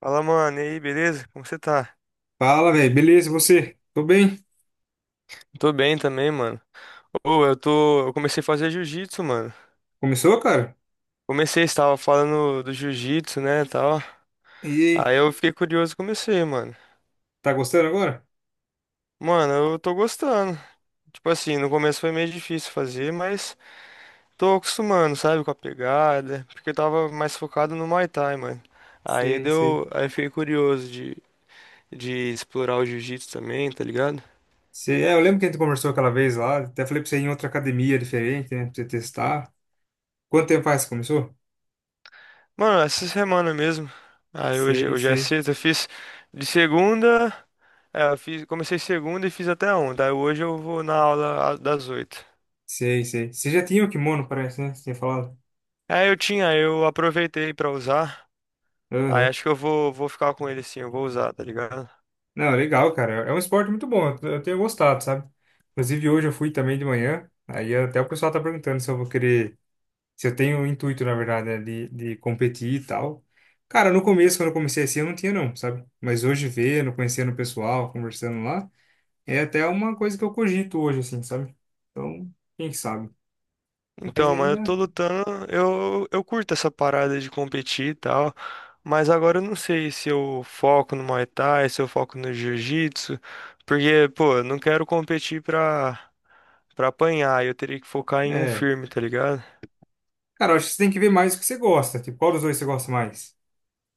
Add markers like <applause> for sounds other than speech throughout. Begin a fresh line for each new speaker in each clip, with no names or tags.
Fala, mano, e aí, beleza? Como você tá?
Fala, velho. Beleza, e você? Tô bem.
Tô bem também, mano. Ô, eu tô. Eu comecei a fazer jiu-jitsu, mano.
Começou, cara?
Comecei, você tava falando do jiu-jitsu, né, tal.
E aí,
Aí eu fiquei curioso e comecei, mano.
tá gostando agora?
Mano, eu tô gostando. Tipo assim, no começo foi meio difícil fazer, mas tô acostumando, sabe, com a pegada. Porque eu tava mais focado no Muay Thai, mano. Aí
Sei, sei.
deu. Aí eu fiquei curioso de explorar o jiu-jitsu também, tá ligado?
Sei. É, eu lembro que a gente conversou aquela vez lá. Até falei pra você ir em outra academia diferente, né? Pra você testar. Quanto tempo faz que começou?
Mano, essa semana mesmo.
Sei,
Hoje é
sei.
sexta, eu fiz. De segunda. É, eu fiz, comecei segunda e fiz até ontem. Aí hoje eu vou na aula das oito.
Sei, sei. Você já tinha o kimono, parece, né? Você tinha falado.
É, eu tinha, eu aproveitei pra usar. Aí
Aham.
acho que vou ficar com ele sim, eu vou usar, tá ligado?
Não, legal, cara. É um esporte muito bom. Eu tenho gostado, sabe? Inclusive, hoje eu fui também de manhã. Aí até o pessoal tá perguntando se eu vou querer. Se eu tenho o intuito, na verdade, né, de competir e tal. Cara, no começo, quando eu comecei assim, eu não tinha não, sabe? Mas hoje vendo, conhecendo o pessoal, conversando lá, é até uma coisa que eu cogito hoje, assim, sabe? Então, quem sabe? Mas
Então, mano, eu tô
ainda
lutando, eu curto essa parada de competir e tal. Mas agora eu não sei se eu foco no Muay Thai, se eu foco no Jiu-Jitsu. Porque, pô, eu não quero pra apanhar. Eu teria que focar em um
é.
firme, tá ligado?
Cara, eu acho que você tem que ver mais o que você gosta. Tipo, qual dos dois você gosta mais?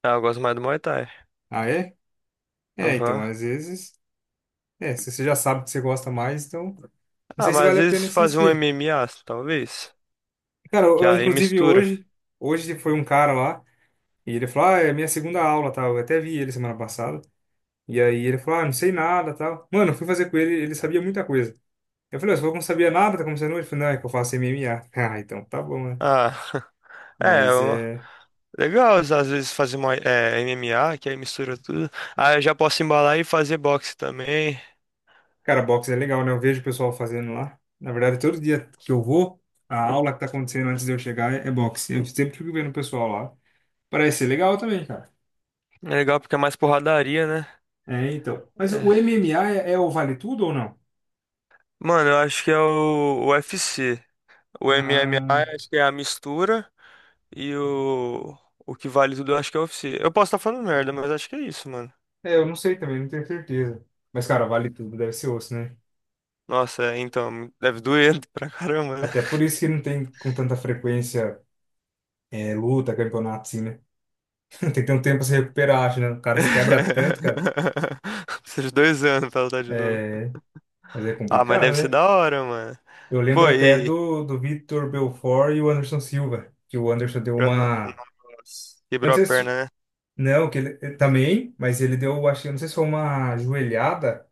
Ah, eu gosto mais do Muay Thai.
Ah, é? É, então,
Aham.
às vezes. É, se você já sabe que você gosta mais, então. Não
Ah,
sei se
mas às
vale a pena
vezes fazer um
insistir.
MMA, talvez.
Cara,
Que aí
inclusive
mistura.
hoje, foi um cara lá, e ele falou: Ah, é a minha segunda aula, tá? Eu até vi ele semana passada. E aí ele falou, ah, não sei nada, tal. Mano, eu fui fazer com ele, ele sabia muita coisa. Eu falei: "Ô, você falou que não sabia nada, tá começando hoje?" Ele falou, não, é que eu faço MMA. <laughs> Ah, então tá bom, né?
Ah, <laughs> é,
Mas é...
legal às vezes fazer uma, é, MMA, que aí mistura tudo. Ah, eu já posso embalar e fazer boxe também.
Cara, boxe é legal, né? Eu vejo o pessoal fazendo lá. Na verdade, todo dia que eu vou, a aula que tá acontecendo antes de eu chegar é boxe. Eu sempre fico vendo o pessoal lá. Parece ser legal também, cara.
É legal porque é mais porradaria, né?
É, então. Mas o
É.
MMA é o vale tudo ou não?
Mano, eu acho que é o UFC. O MMA
Ah,
acho que é a mistura e o que vale tudo eu acho que é o UFC. Eu posso estar falando merda, mas acho que é isso, mano.
é, eu não sei também, não tenho certeza. Mas, cara, vale tudo, deve ser osso, né?
Nossa, é, então, deve doer <laughs> pra caramba, né?
Até por isso que não tem com tanta frequência luta, campeonato, assim, né? <laughs> Tem que ter um tempo pra se recuperar, acho, né? O cara se quebra tanto, cara.
<laughs> Precisa de 2 anos pra lutar de novo.
É, mas é
Ah, mas
complicado,
deve ser
né?
da hora, mano.
Eu lembro
Pô,
até
e.
do Vitor Belfort e o Anderson Silva, que o Anderson deu
Aham.
uma.
Nossa.
Eu não
Quebrou a
sei se.
perna, né?
Não, que ele também, mas ele deu, acho que, eu não sei se foi uma joelhada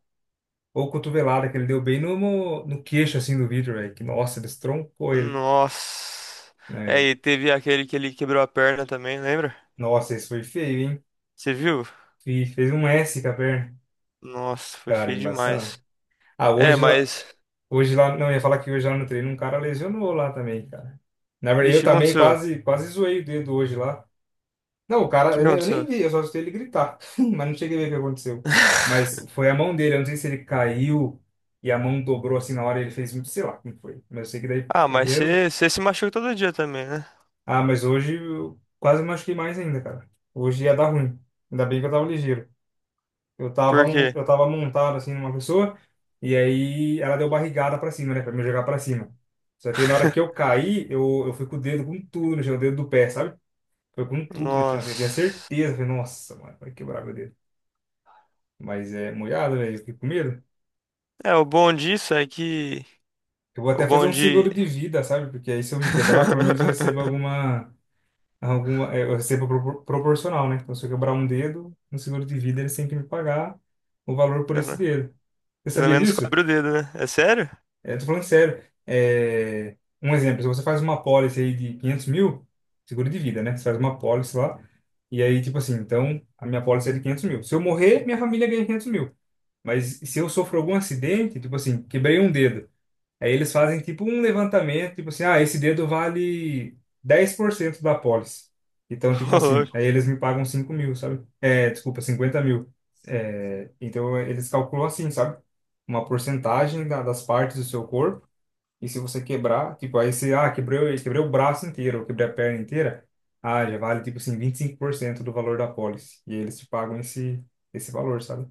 ou cotovelada, que ele deu bem no queixo, assim, do Vitor, velho. Que, nossa, ele estroncou ele,
Nossa. É,
né?
e teve aquele que ele quebrou a perna também, lembra?
Nossa, esse foi feio, hein?
Você viu?
Fez um S com a perna.
Nossa, foi
Cara, é
feio
embaçado.
demais.
Ah,
É,
hoje,
mas.
Hoje lá, não, eu ia falar que hoje lá no treino um cara lesionou lá também, cara. Na verdade, eu
Vixe, o que
também
aconteceu? O
quase, quase zoei o dedo hoje lá. Não, o cara,
que
eu nem
aconteceu?
vi, eu só escutei ele gritar, <laughs> mas não cheguei a ver o que aconteceu. Mas
<laughs>
foi a mão dele, eu não sei se ele caiu e a mão dobrou assim na hora, ele fez muito, sei lá como foi. Mas eu sei que daí
Ah, mas
correram.
você se machuca todo dia também, né?
Ah, mas hoje eu quase machuquei mais ainda, cara. Hoje ia dar ruim. Ainda bem que eu tava ligeiro. Eu tava,
Por
mon-
quê?
eu tava montado assim numa pessoa, e aí ela deu barrigada pra cima, né? Pra me jogar pra cima. Só que aí na hora que eu
<laughs>
caí, eu fui com o dedo com tudo no chão, o dedo do pé, sabe? Foi com tudo no chão, assim, eu tinha
Nossa.
certeza. Falei, nossa, mano, vai quebrar meu dedo. Mas é molhado, velho, eu fiquei com medo.
É, o bom disso é que.
Eu vou
O
até fazer
bom
um
de.
seguro de vida, sabe? Porque aí se eu me quebrar, pelo menos eu recebo
<laughs>
alguma. É, eu recebo proporcional, né? Então se eu quebrar um dedo, no seguro de vida eles têm que me pagar o valor por esse
Pena.
dedo. Você
Pelo
sabia
menos
disso?
cobre o dedo, né? É sério?
Eu tô falando sério. É, um exemplo, se você faz uma pólice aí de 500.000, seguro de vida, né? Você faz uma pólice lá, e aí, tipo assim, então, a minha pólice é de 500.000. Se eu morrer, minha família ganha 500.000. Mas se eu sofro algum acidente, tipo assim, quebrei um dedo, aí eles fazem tipo um levantamento, tipo assim, ah, esse dedo vale 10% da pólice. Então,
<laughs>
tipo
Ô,
assim,
louco.
aí eles me pagam 5.000, sabe? É, desculpa, 50.000. É, então, eles calculam assim, sabe? Uma porcentagem das partes do seu corpo e se você quebrar, tipo, aí você, ah, quebrei o braço inteiro, ou quebrei a perna inteira, ah, já vale, tipo assim, 25% do valor da pólice. E aí eles te pagam esse valor, sabe?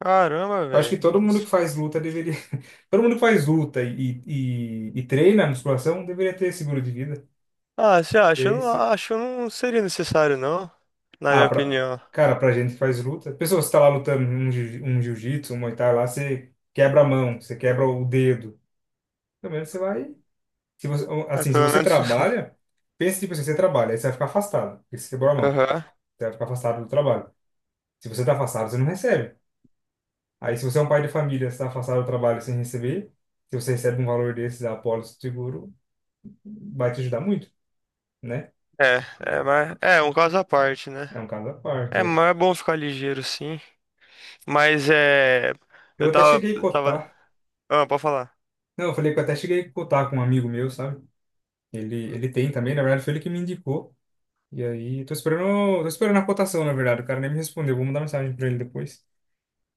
Caramba,
Eu acho que
velho.
todo mundo que faz luta deveria. <laughs> Todo mundo que faz luta e treina musculação deveria ter seguro de vida.
Ah, você
E
acha? Eu
aí,
não
se.
acho, que não seria necessário, não. Na
Ah,
minha
pra,
opinião.
cara, pra gente que faz luta. Pessoa, você tá lá lutando um jiu-jitsu, um muay thai lá, você quebra a mão, você quebra o dedo. Pelo menos você vai. Se você,
Mas
assim, se
pelo
você
menos.
trabalha, pense tipo assim, você trabalha, aí você vai ficar afastado, porque você quebrou a
<laughs>
mão,
Aham.
você vai ficar afastado do trabalho. Se você está afastado, você não recebe. Aí, se você é um pai de família, você está afastado do trabalho sem receber, se você recebe um valor desses da apólice do seguro, vai te ajudar muito, né?
É, é, mas é um caso à parte, né?
É um caso à parte,
É,
é.
mas é bom ficar ligeiro, sim. Mas é.
Eu até cheguei a
Eu tava...
cotar,
Ah, pode falar.
não, eu falei que eu até cheguei a cotar com um amigo meu, sabe? Ele tem também, na verdade, foi ele que me indicou. E aí, tô esperando a cotação, na verdade, o cara nem me respondeu, vou mandar mensagem para ele depois.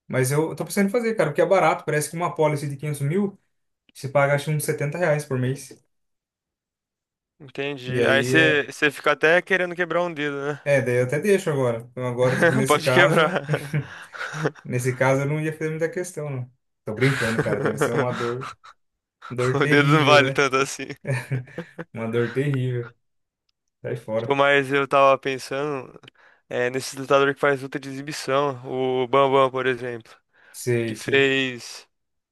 Mas eu tô pensando em fazer, cara, porque é barato. Parece que uma policy de 500.000, você paga acho uns R$ 70 por mês. E
Entendi. Aí
aí
você
é.
você fica até querendo quebrar um dedo, né?
É, daí eu até deixo agora. Então agora, tipo,
<laughs>
nesse
Pode
caso.
quebrar.
<laughs> Nesse caso eu não ia fazer muita questão, não. Tô brincando, cara. Deve ser uma
<laughs>
dor, dor
O dedo não
terrível,
vale
né?
tanto assim.
<laughs> Uma dor terrível. Sai
Pô,
fora.
mas eu tava pensando é, nesses lutadores que faz luta de exibição. O Bambam, por exemplo,
Sei,
que
sei.
fez.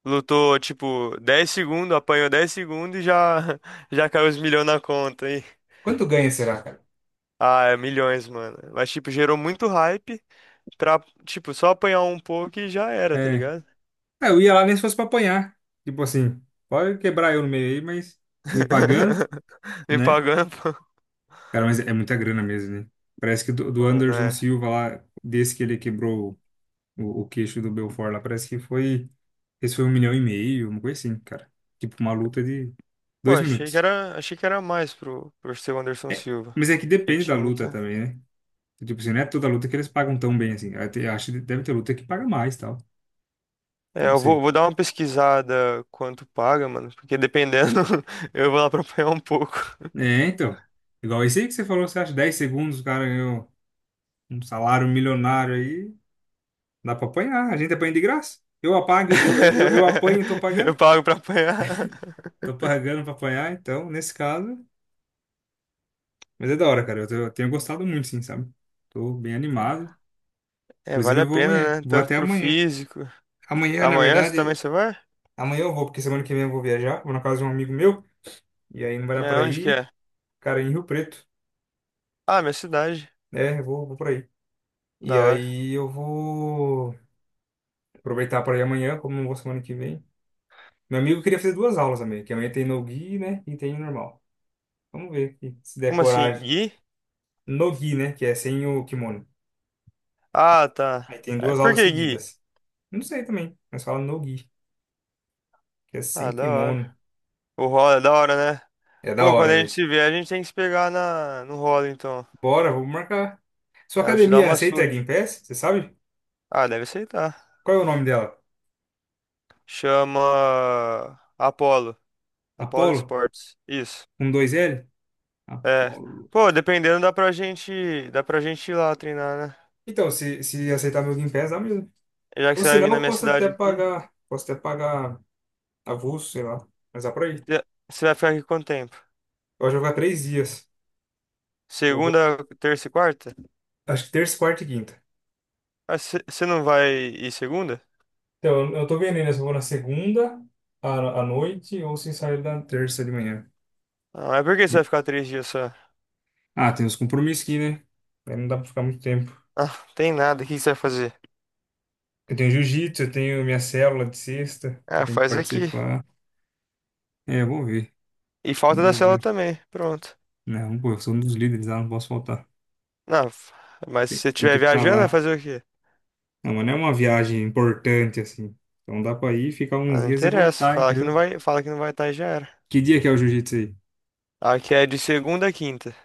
Lutou, tipo, 10 segundos, apanhou 10 segundos e já, <laughs> já caiu os milhões na conta, hein?
Quanto ganha, será, cara?
Ah, é milhões, mano. Mas, tipo, gerou muito hype pra, tipo, só apanhar um pouco e já era, tá
É.
ligado?
Ah, eu ia lá nem se fosse pra apanhar. Tipo assim, pode quebrar eu no meio aí, mas me pagando,
<laughs> Me
né?
pagando, pô.
Cara, mas é muita grana mesmo, né? Parece que do
Mano,
Anderson
é.
Silva lá, desse que ele quebrou o queixo do Belfort lá, parece que foi. Esse foi 1,5 milhão, uma coisa assim, cara. Tipo, uma luta de
Pô,
dois minutos.
achei que era mais pro seu Anderson
É,
Silva.
mas é que
Ele
depende da
tinha
luta
muita.
também, né? Tipo assim, não é toda luta que eles pagam tão bem assim. Ah, acho que deve ter luta que paga mais tal.
É,
Não sei.
vou dar uma pesquisada quanto paga, mano, porque dependendo, <laughs> eu vou lá pra apanhar um pouco.
É, então. Igual esse aí que você falou, você acha 10 segundos, o cara ganhou um salário milionário aí. Dá pra apanhar, a gente apanha de graça. Eu apago, eu apanho e tô
<laughs> Eu
pagando.
pago pra apanhar.
Tô pagando pra apanhar, então, nesse caso. Mas é da hora, cara. Eu tenho gostado muito, sim, sabe? Tô bem animado.
É,
Inclusive,
vale
eu
a
vou
pena,
amanhã.
né?
Vou
Tanto
até
pro
amanhã.
físico.
Amanhã, na
Amanhã você
verdade,
também você vai?
amanhã eu vou, porque semana que vem eu vou viajar. Vou na casa de um amigo meu. E aí não vai dar
É,
pra
onde que
ir,
é?
cara, em Rio Preto.
Ah, minha cidade.
É, eu vou, pra aí. E
Da hora.
aí eu vou aproveitar pra ir amanhã, como não vou semana que vem. Meu amigo queria fazer duas aulas também, que amanhã tem no-gi, né? E tem normal. Vamos ver aqui, se der
Como assim,
coragem.
Gui?
No-gi, né? Que é sem o kimono.
Ah, tá.
Aí tem
É,
duas
por
aulas
que Gui?
seguidas. Não sei também, mas fala Nogi, que é
Ah,
sem
da hora.
kimono.
O rola é da hora, né?
É da
Pô, quando
hora,
a gente
velho.
se vê, a gente tem que se pegar no rola, então.
Bora, vou marcar. Sua
Aí eu te dar
academia
uma
aceita
surra.
Game Pass? Você sabe?
Ah, deve aceitar.
Qual é o nome dela?
Chama Apolo. Apollo
Apollo?
Sports. Isso.
Um dois L?
É.
Apollo.
Pô, dependendo, dá pra gente ir lá treinar, né?
Então, se aceitar meu Game Pass, dá mesmo.
Já que
Ou
você vai
senão
vir na
eu
minha
posso até
cidade aqui,
pagar. Posso até pagar avulso, sei lá. Mas dá pra ir. Eu
já- você vai ficar aqui quanto tempo?
vou jogar 3 dias. Eu vou.
Segunda, terça e quarta?
Acho que terça, quarta e quinta.
Ah, você não vai ir segunda?
Então, eu tô vendo ainda se eu vou na segunda à noite ou se sair na terça de manhã.
Não, é porque
E
você vai ficar 3 dias só.
Ah, tem uns compromissos aqui, né? Aí não dá pra ficar muito tempo.
Ah, tem nada. O que que você vai fazer?
Eu tenho jiu-jitsu, eu tenho minha célula de sexta, que eu
Ah,
tenho que
faz aqui.
participar. É, eu vou ver.
E falta da
Vamos
célula
ver.
também. Pronto.
Não, pô, eu sou um dos líderes lá, não posso faltar.
Não, f- mas se
Tem,
você
tem que
estiver
estar
viajando, vai
lá.
fazer o quê?
Não, mas não é uma viagem importante, assim. Então dá pra ir, ficar
Ah,
uns
não
dias e
interessa.
voltar, entendeu?
Fala que não vai estar e já era.
Que dia que é o jiu-jitsu aí?
Aqui é de segunda a quinta.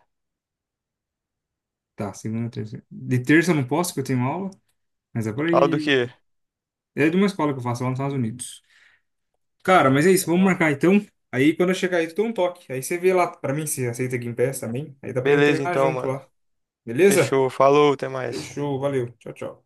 Tá, segunda, terça. De terça eu não posso, porque eu tenho aula. Mas é por
Fala do
aí.
quê?
É de uma escola que eu faço lá nos Estados Unidos. Cara, mas é isso, vamos marcar então. Aí quando eu chegar aí, tu dá um toque. Aí você vê lá pra mim se aceita Game Pass também. Aí dá pra gente
Beleza,
treinar
então,
junto
mano.
lá. Beleza?
Fechou. Falou, até mais.
Fechou, valeu. Tchau, tchau.